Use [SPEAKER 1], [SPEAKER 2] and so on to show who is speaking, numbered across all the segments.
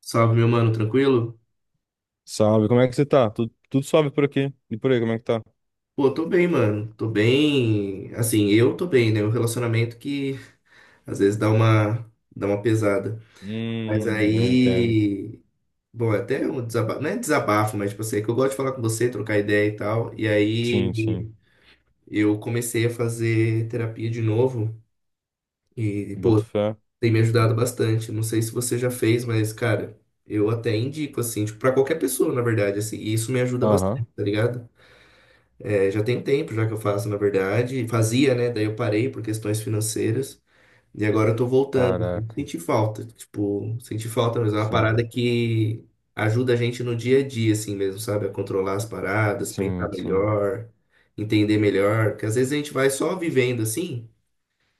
[SPEAKER 1] Salve, meu mano, tranquilo?
[SPEAKER 2] Salve, como é que você tá? Tudo, tudo suave por aqui. E por aí, como é que tá?
[SPEAKER 1] Pô, tô bem, mano. Tô bem. Assim, eu tô bem, né? O relacionamento que às vezes dá uma pesada. Mas
[SPEAKER 2] Eu entendo.
[SPEAKER 1] aí. Bom, é até um desabafo. Não é desabafo, mas tipo assim, é que eu gosto de falar com você, trocar ideia e tal. E
[SPEAKER 2] Sim, sim.
[SPEAKER 1] aí eu comecei a fazer terapia de novo. E,
[SPEAKER 2] Boto
[SPEAKER 1] pô,
[SPEAKER 2] fé.
[SPEAKER 1] tem me ajudado bastante. Não sei se você já fez, mas, cara, eu até indico, assim, tipo, pra qualquer pessoa, na verdade, assim. E isso me ajuda bastante,
[SPEAKER 2] Aham.
[SPEAKER 1] tá ligado? É, já tem tempo já que eu faço, na verdade. Fazia, né? Daí eu parei por questões financeiras. E agora eu tô voltando assim.
[SPEAKER 2] Caraca.
[SPEAKER 1] Senti falta. Tipo, senti falta, mas é uma parada
[SPEAKER 2] Sim,
[SPEAKER 1] que ajuda a gente no dia a dia, assim mesmo, sabe? A controlar as paradas, pensar
[SPEAKER 2] sim, sim.
[SPEAKER 1] melhor, entender melhor. Porque às vezes a gente vai só vivendo assim,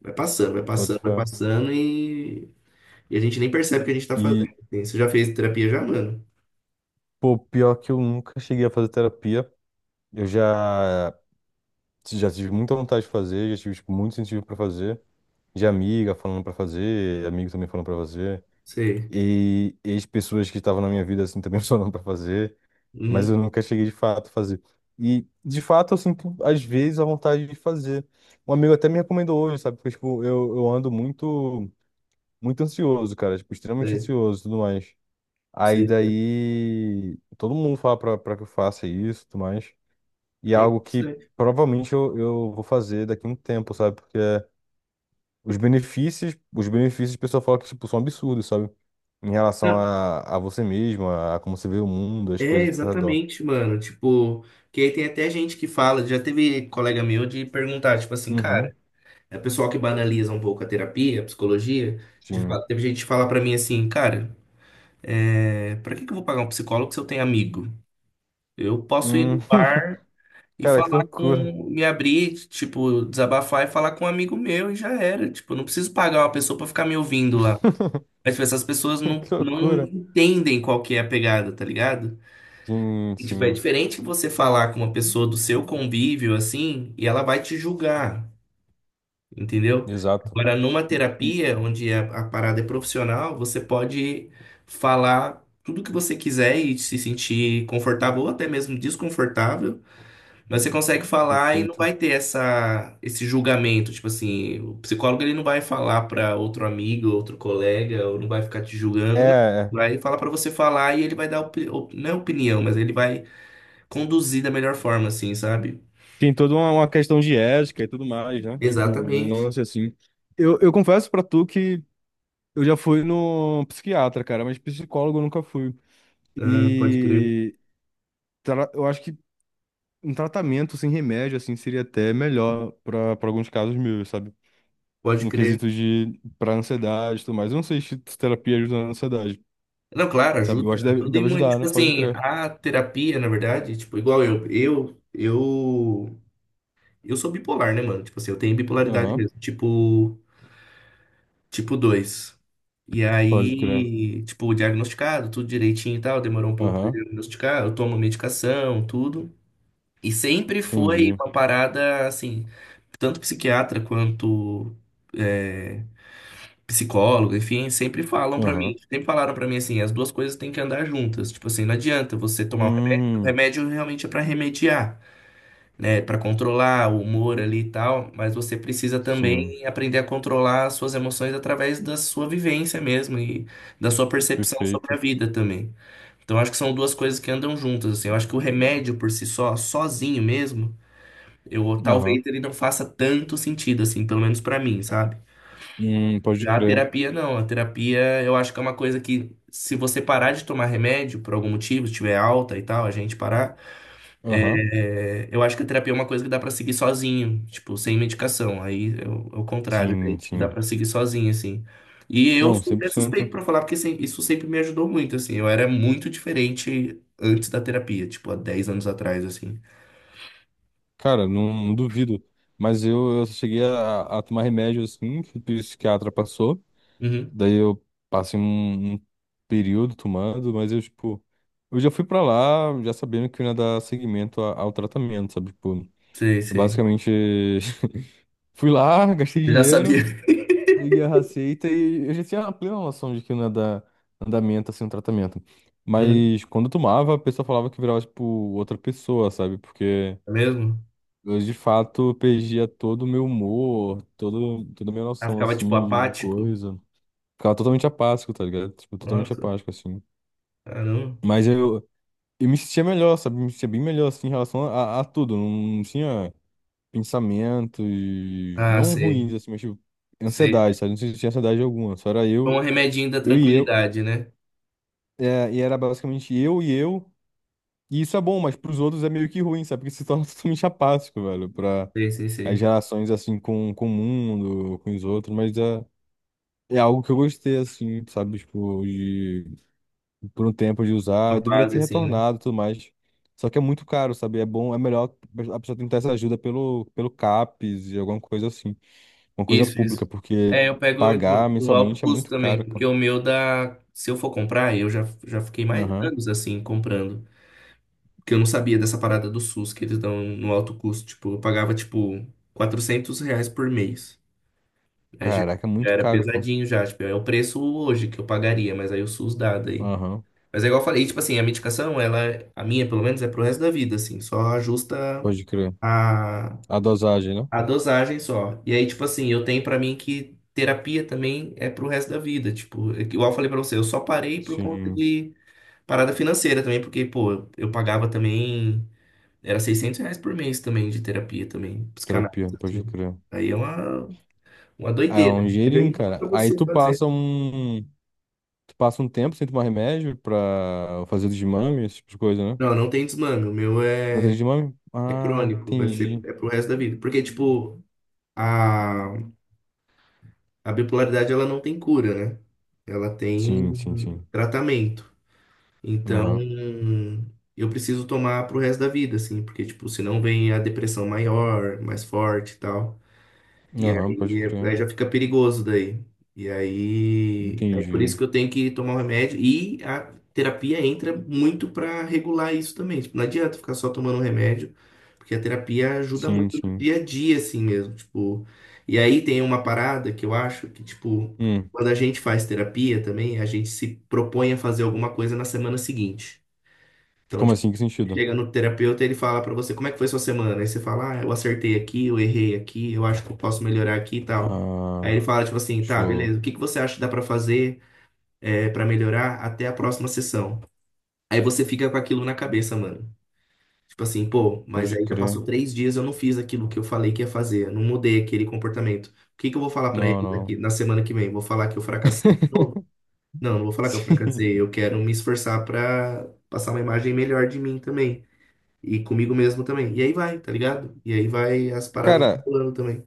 [SPEAKER 1] vai passando, vai
[SPEAKER 2] Boto
[SPEAKER 1] passando, vai
[SPEAKER 2] fé.
[SPEAKER 1] passando e a gente nem percebe o que a gente tá fazendo
[SPEAKER 2] E,
[SPEAKER 1] assim. Você já fez terapia já, mano?
[SPEAKER 2] pior que eu nunca cheguei a fazer terapia. Eu já, já tive muita vontade de fazer, já tive, tipo, muito incentivo pra fazer. De amiga falando pra fazer, amigos também falando pra fazer.
[SPEAKER 1] Sei.
[SPEAKER 2] E ex-pessoas que estavam na minha vida, assim, também falando pra fazer. Mas
[SPEAKER 1] Uhum,
[SPEAKER 2] eu nunca cheguei de fato a fazer. E de fato eu sinto às vezes a vontade de fazer. Um amigo até me recomendou hoje, sabe? Porque tipo, eu ando muito muito ansioso, cara, tipo, extremamente
[SPEAKER 1] sei.
[SPEAKER 2] ansioso e tudo mais. Aí
[SPEAKER 1] Sei, sei.
[SPEAKER 2] daí todo mundo fala pra que eu faça isso e tudo mais. E é
[SPEAKER 1] É
[SPEAKER 2] algo que
[SPEAKER 1] interessante.
[SPEAKER 2] provavelmente eu vou fazer daqui a um tempo, sabe? Porque os benefícios o pessoal fala que tipo, são absurdos, sabe? Em relação a você mesmo, a, como você vê o mundo, as
[SPEAKER 1] É,
[SPEAKER 2] coisas ao seu redor.
[SPEAKER 1] exatamente, mano. Tipo, que aí tem até gente que fala, já teve colega meu de perguntar, tipo assim,
[SPEAKER 2] Uhum,
[SPEAKER 1] cara, é pessoal que banaliza um pouco a terapia, a psicologia, de
[SPEAKER 2] sim.
[SPEAKER 1] fato, teve gente que fala pra mim assim, cara, é, pra que que eu vou pagar um psicólogo se eu tenho amigo? Eu posso ir no
[SPEAKER 2] Hum,
[SPEAKER 1] bar e
[SPEAKER 2] cara, que
[SPEAKER 1] falar
[SPEAKER 2] loucura.
[SPEAKER 1] com, me abrir, tipo, desabafar e falar com um amigo meu e já era. Tipo, eu não preciso pagar uma pessoa pra ficar me ouvindo lá. Mas, tipo, essas pessoas não,
[SPEAKER 2] Que
[SPEAKER 1] não
[SPEAKER 2] loucura.
[SPEAKER 1] entendem qual que é a pegada, tá ligado?
[SPEAKER 2] Sim,
[SPEAKER 1] E, tipo, é
[SPEAKER 2] sim,
[SPEAKER 1] diferente você falar com uma pessoa do seu convívio, assim, e ela vai te julgar, entendeu?
[SPEAKER 2] exato.
[SPEAKER 1] Agora, numa
[SPEAKER 2] E, e-
[SPEAKER 1] terapia, onde a parada é profissional, você pode falar tudo que você quiser e se sentir confortável ou até mesmo desconfortável, mas você consegue falar e não
[SPEAKER 2] perfeito.
[SPEAKER 1] vai ter esse julgamento. Tipo assim, o psicólogo ele não vai falar para outro amigo, outro colega, ou não vai ficar te
[SPEAKER 2] É,
[SPEAKER 1] julgando, não.
[SPEAKER 2] é.
[SPEAKER 1] Vai falar para você falar e ele vai dar, não é opinião, mas ele vai conduzir da melhor forma, assim, sabe?
[SPEAKER 2] Tem toda uma questão de ética e tudo mais, né? Tipo, não
[SPEAKER 1] Exatamente.
[SPEAKER 2] lance assim. Eu confesso pra tu que eu já fui no psiquiatra, cara, mas psicólogo eu nunca fui.
[SPEAKER 1] Ah, pode crer,
[SPEAKER 2] E eu acho que um tratamento sem remédio, assim, seria até melhor pra alguns casos meus, sabe?
[SPEAKER 1] pode
[SPEAKER 2] No
[SPEAKER 1] crer.
[SPEAKER 2] quesito de pra ansiedade e tudo mais. Eu não sei se terapia ajuda na ansiedade.
[SPEAKER 1] Não, claro,
[SPEAKER 2] Sabe, eu
[SPEAKER 1] ajuda,
[SPEAKER 2] acho que deve,
[SPEAKER 1] ajuda e
[SPEAKER 2] deve
[SPEAKER 1] muito.
[SPEAKER 2] ajudar,
[SPEAKER 1] Tipo
[SPEAKER 2] né? Pode
[SPEAKER 1] assim,
[SPEAKER 2] crer.
[SPEAKER 1] a terapia, na verdade, tipo, igual eu, eu sou bipolar, né, mano? Tipo assim, eu tenho bipolaridade
[SPEAKER 2] Aham,
[SPEAKER 1] mesmo, tipo, tipo 2. E
[SPEAKER 2] pode crer.
[SPEAKER 1] aí, tipo, diagnosticado, tudo direitinho e tal, demorou um pouco pra
[SPEAKER 2] Aham,
[SPEAKER 1] diagnosticar, eu tomo medicação, tudo. E sempre foi
[SPEAKER 2] entendi.
[SPEAKER 1] uma parada, assim, tanto psiquiatra quanto é, psicólogos, enfim, sempre falam pra mim,
[SPEAKER 2] Aham.
[SPEAKER 1] sempre falaram pra mim assim, as duas coisas têm que andar juntas. Tipo assim, não adianta você tomar o
[SPEAKER 2] Hum,
[SPEAKER 1] remédio realmente é pra remediar, né, pra controlar o humor ali e tal, mas você precisa
[SPEAKER 2] sim,
[SPEAKER 1] também aprender a controlar as suas emoções através da sua vivência mesmo e da sua percepção sobre
[SPEAKER 2] perfeito.
[SPEAKER 1] a vida também. Então acho que são duas coisas que andam juntas, assim. Eu acho que o remédio por si só, sozinho mesmo, eu
[SPEAKER 2] Aham.
[SPEAKER 1] talvez ele não faça tanto sentido assim, pelo menos pra mim, sabe?
[SPEAKER 2] Pode
[SPEAKER 1] A
[SPEAKER 2] crer.
[SPEAKER 1] terapia não, a terapia eu acho que é uma coisa que se você parar de tomar remédio por algum motivo, se tiver alta e tal, a gente parar,
[SPEAKER 2] Aham,
[SPEAKER 1] é, eu acho que a terapia é uma coisa que dá pra seguir sozinho, tipo, sem medicação. Aí é o contrário, daí,
[SPEAKER 2] sim,
[SPEAKER 1] tipo, dá
[SPEAKER 2] sim.
[SPEAKER 1] pra seguir sozinho, assim. E eu
[SPEAKER 2] Não,
[SPEAKER 1] sou
[SPEAKER 2] cem
[SPEAKER 1] até
[SPEAKER 2] por
[SPEAKER 1] suspeito
[SPEAKER 2] cento.
[SPEAKER 1] pra falar, porque isso sempre me ajudou muito, assim. Eu era muito diferente antes da terapia, tipo, há 10 anos atrás, assim.
[SPEAKER 2] Cara, não, não duvido. Mas eu só cheguei a tomar remédio assim, que o psiquiatra passou.
[SPEAKER 1] Uhum,
[SPEAKER 2] Daí eu passei um período tomando, mas eu, tipo, eu já fui pra lá já sabendo que eu ia dar seguimento ao tratamento, sabe? Tipo,
[SPEAKER 1] sei,
[SPEAKER 2] eu
[SPEAKER 1] sei.
[SPEAKER 2] basicamente. Fui lá, gastei
[SPEAKER 1] Eu já
[SPEAKER 2] dinheiro,
[SPEAKER 1] sabia.
[SPEAKER 2] peguei a receita e eu já tinha a plena noção de que não ia dar andamento, assim, um tratamento.
[SPEAKER 1] Uhum,
[SPEAKER 2] Mas quando eu tomava, a pessoa falava que virava, tipo, outra pessoa, sabe? Porque
[SPEAKER 1] é mesmo?
[SPEAKER 2] eu, de fato, perdia todo o meu humor, todo, toda a minha
[SPEAKER 1] Ah,
[SPEAKER 2] noção,
[SPEAKER 1] ficava, tipo,
[SPEAKER 2] assim, de
[SPEAKER 1] apático.
[SPEAKER 2] coisa. Ficava totalmente apático, tá ligado? Tipo, totalmente
[SPEAKER 1] Nossa,
[SPEAKER 2] apático, assim.
[SPEAKER 1] caramba.
[SPEAKER 2] Mas eu, eu me sentia melhor, sabe? Me sentia bem melhor, assim, em relação a tudo. Não tinha pensamentos
[SPEAKER 1] Ah,
[SPEAKER 2] não
[SPEAKER 1] sei,
[SPEAKER 2] ruins, assim, mas tipo,
[SPEAKER 1] sei.
[SPEAKER 2] ansiedade, sabe? Não sei se tinha ansiedade alguma, só era
[SPEAKER 1] Foi
[SPEAKER 2] eu,
[SPEAKER 1] um remedinho da
[SPEAKER 2] eu e eu,
[SPEAKER 1] tranquilidade, né?
[SPEAKER 2] e era basicamente eu, e isso é bom, mas pros outros é meio que ruim, sabe? Porque se torna totalmente apático, velho, pra
[SPEAKER 1] Sei, sei,
[SPEAKER 2] as
[SPEAKER 1] sei.
[SPEAKER 2] relações, assim, com o mundo, com os outros, mas é, é algo que eu gostei, assim, sabe? Tipo, de, por um tempo de usar, eu
[SPEAKER 1] Uma
[SPEAKER 2] deveria ter
[SPEAKER 1] fase assim, né?
[SPEAKER 2] retornado e tudo mais. Só que é muito caro, sabe? É bom, é melhor a pessoa tentar essa ajuda pelo CAPES e alguma coisa assim. Uma coisa
[SPEAKER 1] Isso,
[SPEAKER 2] pública,
[SPEAKER 1] isso.
[SPEAKER 2] porque
[SPEAKER 1] É, eu pego o do
[SPEAKER 2] pagar
[SPEAKER 1] do alto
[SPEAKER 2] mensalmente é
[SPEAKER 1] custo
[SPEAKER 2] muito
[SPEAKER 1] também,
[SPEAKER 2] caro, pô.
[SPEAKER 1] porque o meu dá. Se eu for comprar, eu já, já fiquei mais
[SPEAKER 2] Aham.
[SPEAKER 1] anos assim comprando. Porque eu não sabia dessa parada do SUS que eles dão no alto custo. Tipo, eu pagava tipo R$ 400 por mês. Aí já,
[SPEAKER 2] Caraca, é
[SPEAKER 1] já
[SPEAKER 2] muito
[SPEAKER 1] era
[SPEAKER 2] caro, pô.
[SPEAKER 1] pesadinho já. Tipo, é o preço hoje que eu pagaria, mas aí o SUS dá daí.
[SPEAKER 2] Aham.
[SPEAKER 1] Mas é igual eu falei, tipo assim, a medicação, ela, a minha pelo menos, é pro resto da vida, assim, só ajusta
[SPEAKER 2] Pode crer.
[SPEAKER 1] a,
[SPEAKER 2] A dosagem, né?
[SPEAKER 1] a dosagem só. E aí, tipo assim, eu tenho pra mim que terapia também é pro resto da vida, tipo, é que igual eu falei pra você, eu só parei por conta
[SPEAKER 2] Sim,
[SPEAKER 1] de parada financeira também, porque, pô, eu pagava também, era R$ 600 por mês também de terapia também,
[SPEAKER 2] terapia,
[SPEAKER 1] psicanálise,
[SPEAKER 2] pode
[SPEAKER 1] assim.
[SPEAKER 2] crer.
[SPEAKER 1] Aí é uma
[SPEAKER 2] É
[SPEAKER 1] doideira.
[SPEAKER 2] um
[SPEAKER 1] Eu
[SPEAKER 2] dinheirinho,
[SPEAKER 1] indico pra
[SPEAKER 2] cara. Aí
[SPEAKER 1] você
[SPEAKER 2] tu
[SPEAKER 1] fazer.
[SPEAKER 2] passa um. Tu passa um tempo sem tomar remédio pra fazer desmame, esse tipo de coisa, né?
[SPEAKER 1] Não, não tem desmano, o meu
[SPEAKER 2] Não tem
[SPEAKER 1] é,
[SPEAKER 2] desmame?
[SPEAKER 1] é
[SPEAKER 2] Ah,
[SPEAKER 1] crônico, vai ser,
[SPEAKER 2] entendi.
[SPEAKER 1] é pro resto da vida. Porque, tipo, a, a bipolaridade ela não tem cura, né? Ela tem
[SPEAKER 2] Sim, sim, sim.
[SPEAKER 1] tratamento. Então,
[SPEAKER 2] Aham.
[SPEAKER 1] eu preciso tomar pro resto da vida, assim, porque, tipo, senão vem a depressão maior, mais forte e tal. E
[SPEAKER 2] Aham, pode
[SPEAKER 1] aí,
[SPEAKER 2] crer.
[SPEAKER 1] aí já fica perigoso daí. E aí, é por
[SPEAKER 2] Entendi.
[SPEAKER 1] isso que eu tenho que tomar o remédio. E a terapia entra muito para regular isso também. Tipo, não adianta ficar só tomando remédio, porque a terapia ajuda muito
[SPEAKER 2] Sim,
[SPEAKER 1] no
[SPEAKER 2] sim.
[SPEAKER 1] dia a dia, assim mesmo. Tipo, e aí tem uma parada que eu acho que, tipo,
[SPEAKER 2] Hum.
[SPEAKER 1] quando a gente faz terapia também, a gente se propõe a fazer alguma coisa na semana seguinte. Então,
[SPEAKER 2] Como
[SPEAKER 1] tipo,
[SPEAKER 2] assim? Que
[SPEAKER 1] você
[SPEAKER 2] sentido?
[SPEAKER 1] chega no terapeuta e ele fala pra você como é que foi sua semana. Aí você fala, ah, eu acertei aqui, eu errei aqui, eu acho que eu posso melhorar aqui e tal. Aí
[SPEAKER 2] Ah,
[SPEAKER 1] ele fala, tipo assim, tá,
[SPEAKER 2] show.
[SPEAKER 1] beleza, o que que você acha que dá pra fazer é, para melhorar até a próxima sessão? Aí você fica com aquilo na cabeça, mano. Tipo assim, pô, mas
[SPEAKER 2] Pode
[SPEAKER 1] aí já passou
[SPEAKER 2] crer.
[SPEAKER 1] 3 dias, eu não fiz aquilo que eu falei que ia fazer, eu não mudei aquele comportamento. O que que eu vou falar pra
[SPEAKER 2] Não,
[SPEAKER 1] ele daqui
[SPEAKER 2] não.
[SPEAKER 1] na semana que vem? Vou falar que eu fracassei de novo? Não, não vou falar que eu
[SPEAKER 2] Sim.
[SPEAKER 1] fracassei, eu quero me esforçar pra passar uma imagem melhor de mim também. E comigo mesmo também. E aí vai, tá ligado? E aí vai as paradas
[SPEAKER 2] Cara,
[SPEAKER 1] rolando também.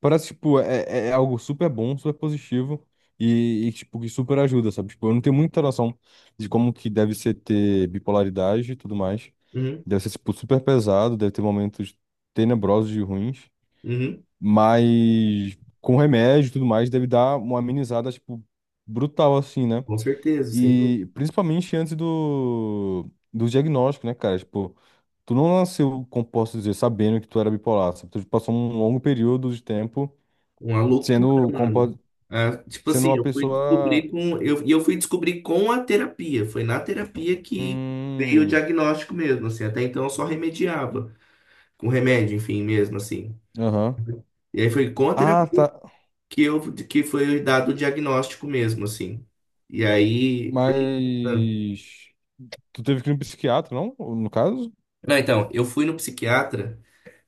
[SPEAKER 2] parece, tipo, é algo super bom, super positivo tipo, que super ajuda, sabe? Tipo, eu não tenho muita noção de como que deve ser ter bipolaridade e tudo mais.
[SPEAKER 1] Uhum,
[SPEAKER 2] Deve ser, tipo, super pesado, deve ter momentos tenebrosos e ruins,
[SPEAKER 1] uhum,
[SPEAKER 2] mas com remédio e tudo mais deve dar uma amenizada, tipo, brutal, assim, né?
[SPEAKER 1] com certeza, sem dúvida.
[SPEAKER 2] E principalmente antes do diagnóstico, né, cara? Tipo, tu não nasceu, como posso dizer, sabendo que tu era bipolar, sabe? Tu passou um longo período de tempo
[SPEAKER 1] Uma loucura,
[SPEAKER 2] sendo,
[SPEAKER 1] mano. Ah, tipo
[SPEAKER 2] sendo
[SPEAKER 1] assim,
[SPEAKER 2] uma pessoa.
[SPEAKER 1] eu fui descobrir com a terapia. Foi na terapia que veio o
[SPEAKER 2] Hum.
[SPEAKER 1] diagnóstico mesmo, assim. Até então eu só remediava. Com remédio, enfim, mesmo, assim.
[SPEAKER 2] Aham.
[SPEAKER 1] E aí foi com a
[SPEAKER 2] Ah,
[SPEAKER 1] terapia
[SPEAKER 2] tá.
[SPEAKER 1] que, que foi dado o diagnóstico mesmo, assim. E aí,
[SPEAKER 2] Mas. Tu teve que ir no psiquiatra, não? No caso?
[SPEAKER 1] não, então, eu fui no psiquiatra.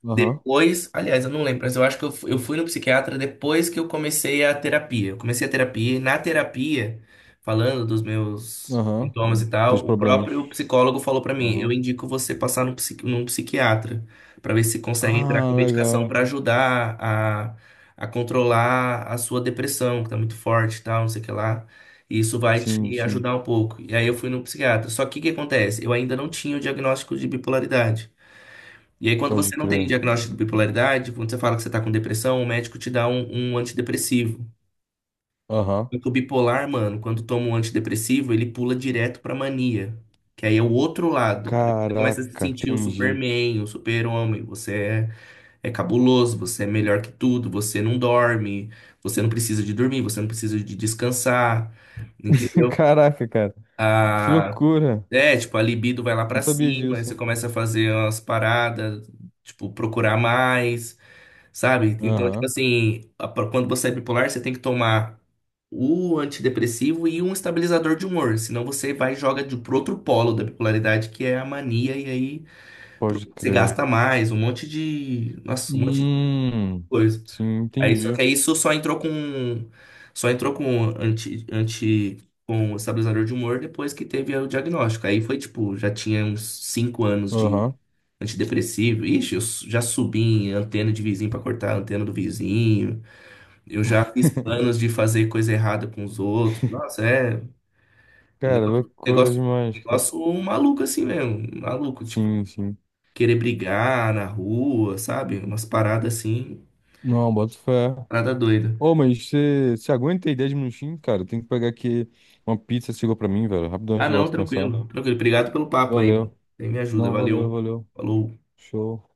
[SPEAKER 2] Aham.
[SPEAKER 1] Depois, aliás, eu não lembro, mas eu acho que eu fui no psiquiatra depois que eu comecei a terapia. Eu comecei a terapia e na terapia, falando dos meus
[SPEAKER 2] Aham.
[SPEAKER 1] sintomas e
[SPEAKER 2] Teus
[SPEAKER 1] tal, o
[SPEAKER 2] problemas.
[SPEAKER 1] próprio psicólogo falou pra mim: eu
[SPEAKER 2] Aham.
[SPEAKER 1] indico você passar num, num psiquiatra pra ver se consegue entrar com
[SPEAKER 2] Ah,
[SPEAKER 1] medicação
[SPEAKER 2] legal.
[SPEAKER 1] pra ajudar a controlar a sua depressão, que tá muito forte e tal, não sei o que lá. E isso vai
[SPEAKER 2] Sim,
[SPEAKER 1] te
[SPEAKER 2] sim.
[SPEAKER 1] ajudar um pouco. E aí eu fui no psiquiatra. Só que o que acontece? Eu ainda não tinha o diagnóstico de bipolaridade. E aí, quando
[SPEAKER 2] Pode
[SPEAKER 1] você não tem
[SPEAKER 2] crer.
[SPEAKER 1] diagnóstico de bipolaridade, quando você fala que você tá com depressão, o médico te dá um antidepressivo.
[SPEAKER 2] Aham.
[SPEAKER 1] Só o bipolar, mano, quando toma um antidepressivo, ele pula direto pra mania, que aí é o outro lado. Aí você começa a se
[SPEAKER 2] Caraca,
[SPEAKER 1] sentir o
[SPEAKER 2] entendi.
[SPEAKER 1] Superman, o super-homem. Você é, é cabuloso, você é melhor que tudo, você não dorme, você não precisa de dormir, você não precisa de descansar, entendeu?
[SPEAKER 2] Caraca, cara. Que
[SPEAKER 1] A-
[SPEAKER 2] loucura.
[SPEAKER 1] é, tipo, a libido vai lá
[SPEAKER 2] Não
[SPEAKER 1] pra
[SPEAKER 2] sabia
[SPEAKER 1] cima, aí você
[SPEAKER 2] disso.
[SPEAKER 1] começa a fazer umas paradas, tipo, procurar mais. Sabe? Então, tipo
[SPEAKER 2] Aham.
[SPEAKER 1] assim, quando você é bipolar, você tem que tomar o antidepressivo e um estabilizador de humor. Senão você vai e joga de, pro outro polo da bipolaridade, que é a mania, e aí
[SPEAKER 2] Pode
[SPEAKER 1] você
[SPEAKER 2] crer.
[SPEAKER 1] gasta mais, um monte de. Nossa, um monte de
[SPEAKER 2] Hum,
[SPEAKER 1] coisa.
[SPEAKER 2] sim,
[SPEAKER 1] Aí, só que
[SPEAKER 2] entendi.
[SPEAKER 1] aí isso só entrou com. Só entrou com anti, anti, com o estabilizador de humor depois que teve o diagnóstico. Aí foi tipo, já tinha uns 5 anos de
[SPEAKER 2] Aham.
[SPEAKER 1] antidepressivo. Ixi, já subi em antena de vizinho pra cortar a antena do vizinho. Eu já fiz planos de fazer coisa errada com os outros. Nossa, é um
[SPEAKER 2] Cara,
[SPEAKER 1] negócio,
[SPEAKER 2] loucura
[SPEAKER 1] negócio,
[SPEAKER 2] demais, cara.
[SPEAKER 1] negócio maluco assim mesmo, maluco, tipo,
[SPEAKER 2] Sim, sim.
[SPEAKER 1] querer brigar na rua, sabe? Umas paradas assim,
[SPEAKER 2] Não, bota fé.
[SPEAKER 1] parada doida.
[SPEAKER 2] Ô, mas você aguenta aí 10 minutinhos, cara? Tem que pegar aqui uma pizza, chegou pra mim, velho. Rapidão
[SPEAKER 1] Ah,
[SPEAKER 2] de
[SPEAKER 1] não,
[SPEAKER 2] volta com essa.
[SPEAKER 1] tranquilo, tranquilo. Obrigado pelo papo aí, mano.
[SPEAKER 2] Valeu.
[SPEAKER 1] Você me ajuda,
[SPEAKER 2] Não, valeu,
[SPEAKER 1] valeu.
[SPEAKER 2] valeu.
[SPEAKER 1] Falou.
[SPEAKER 2] Show.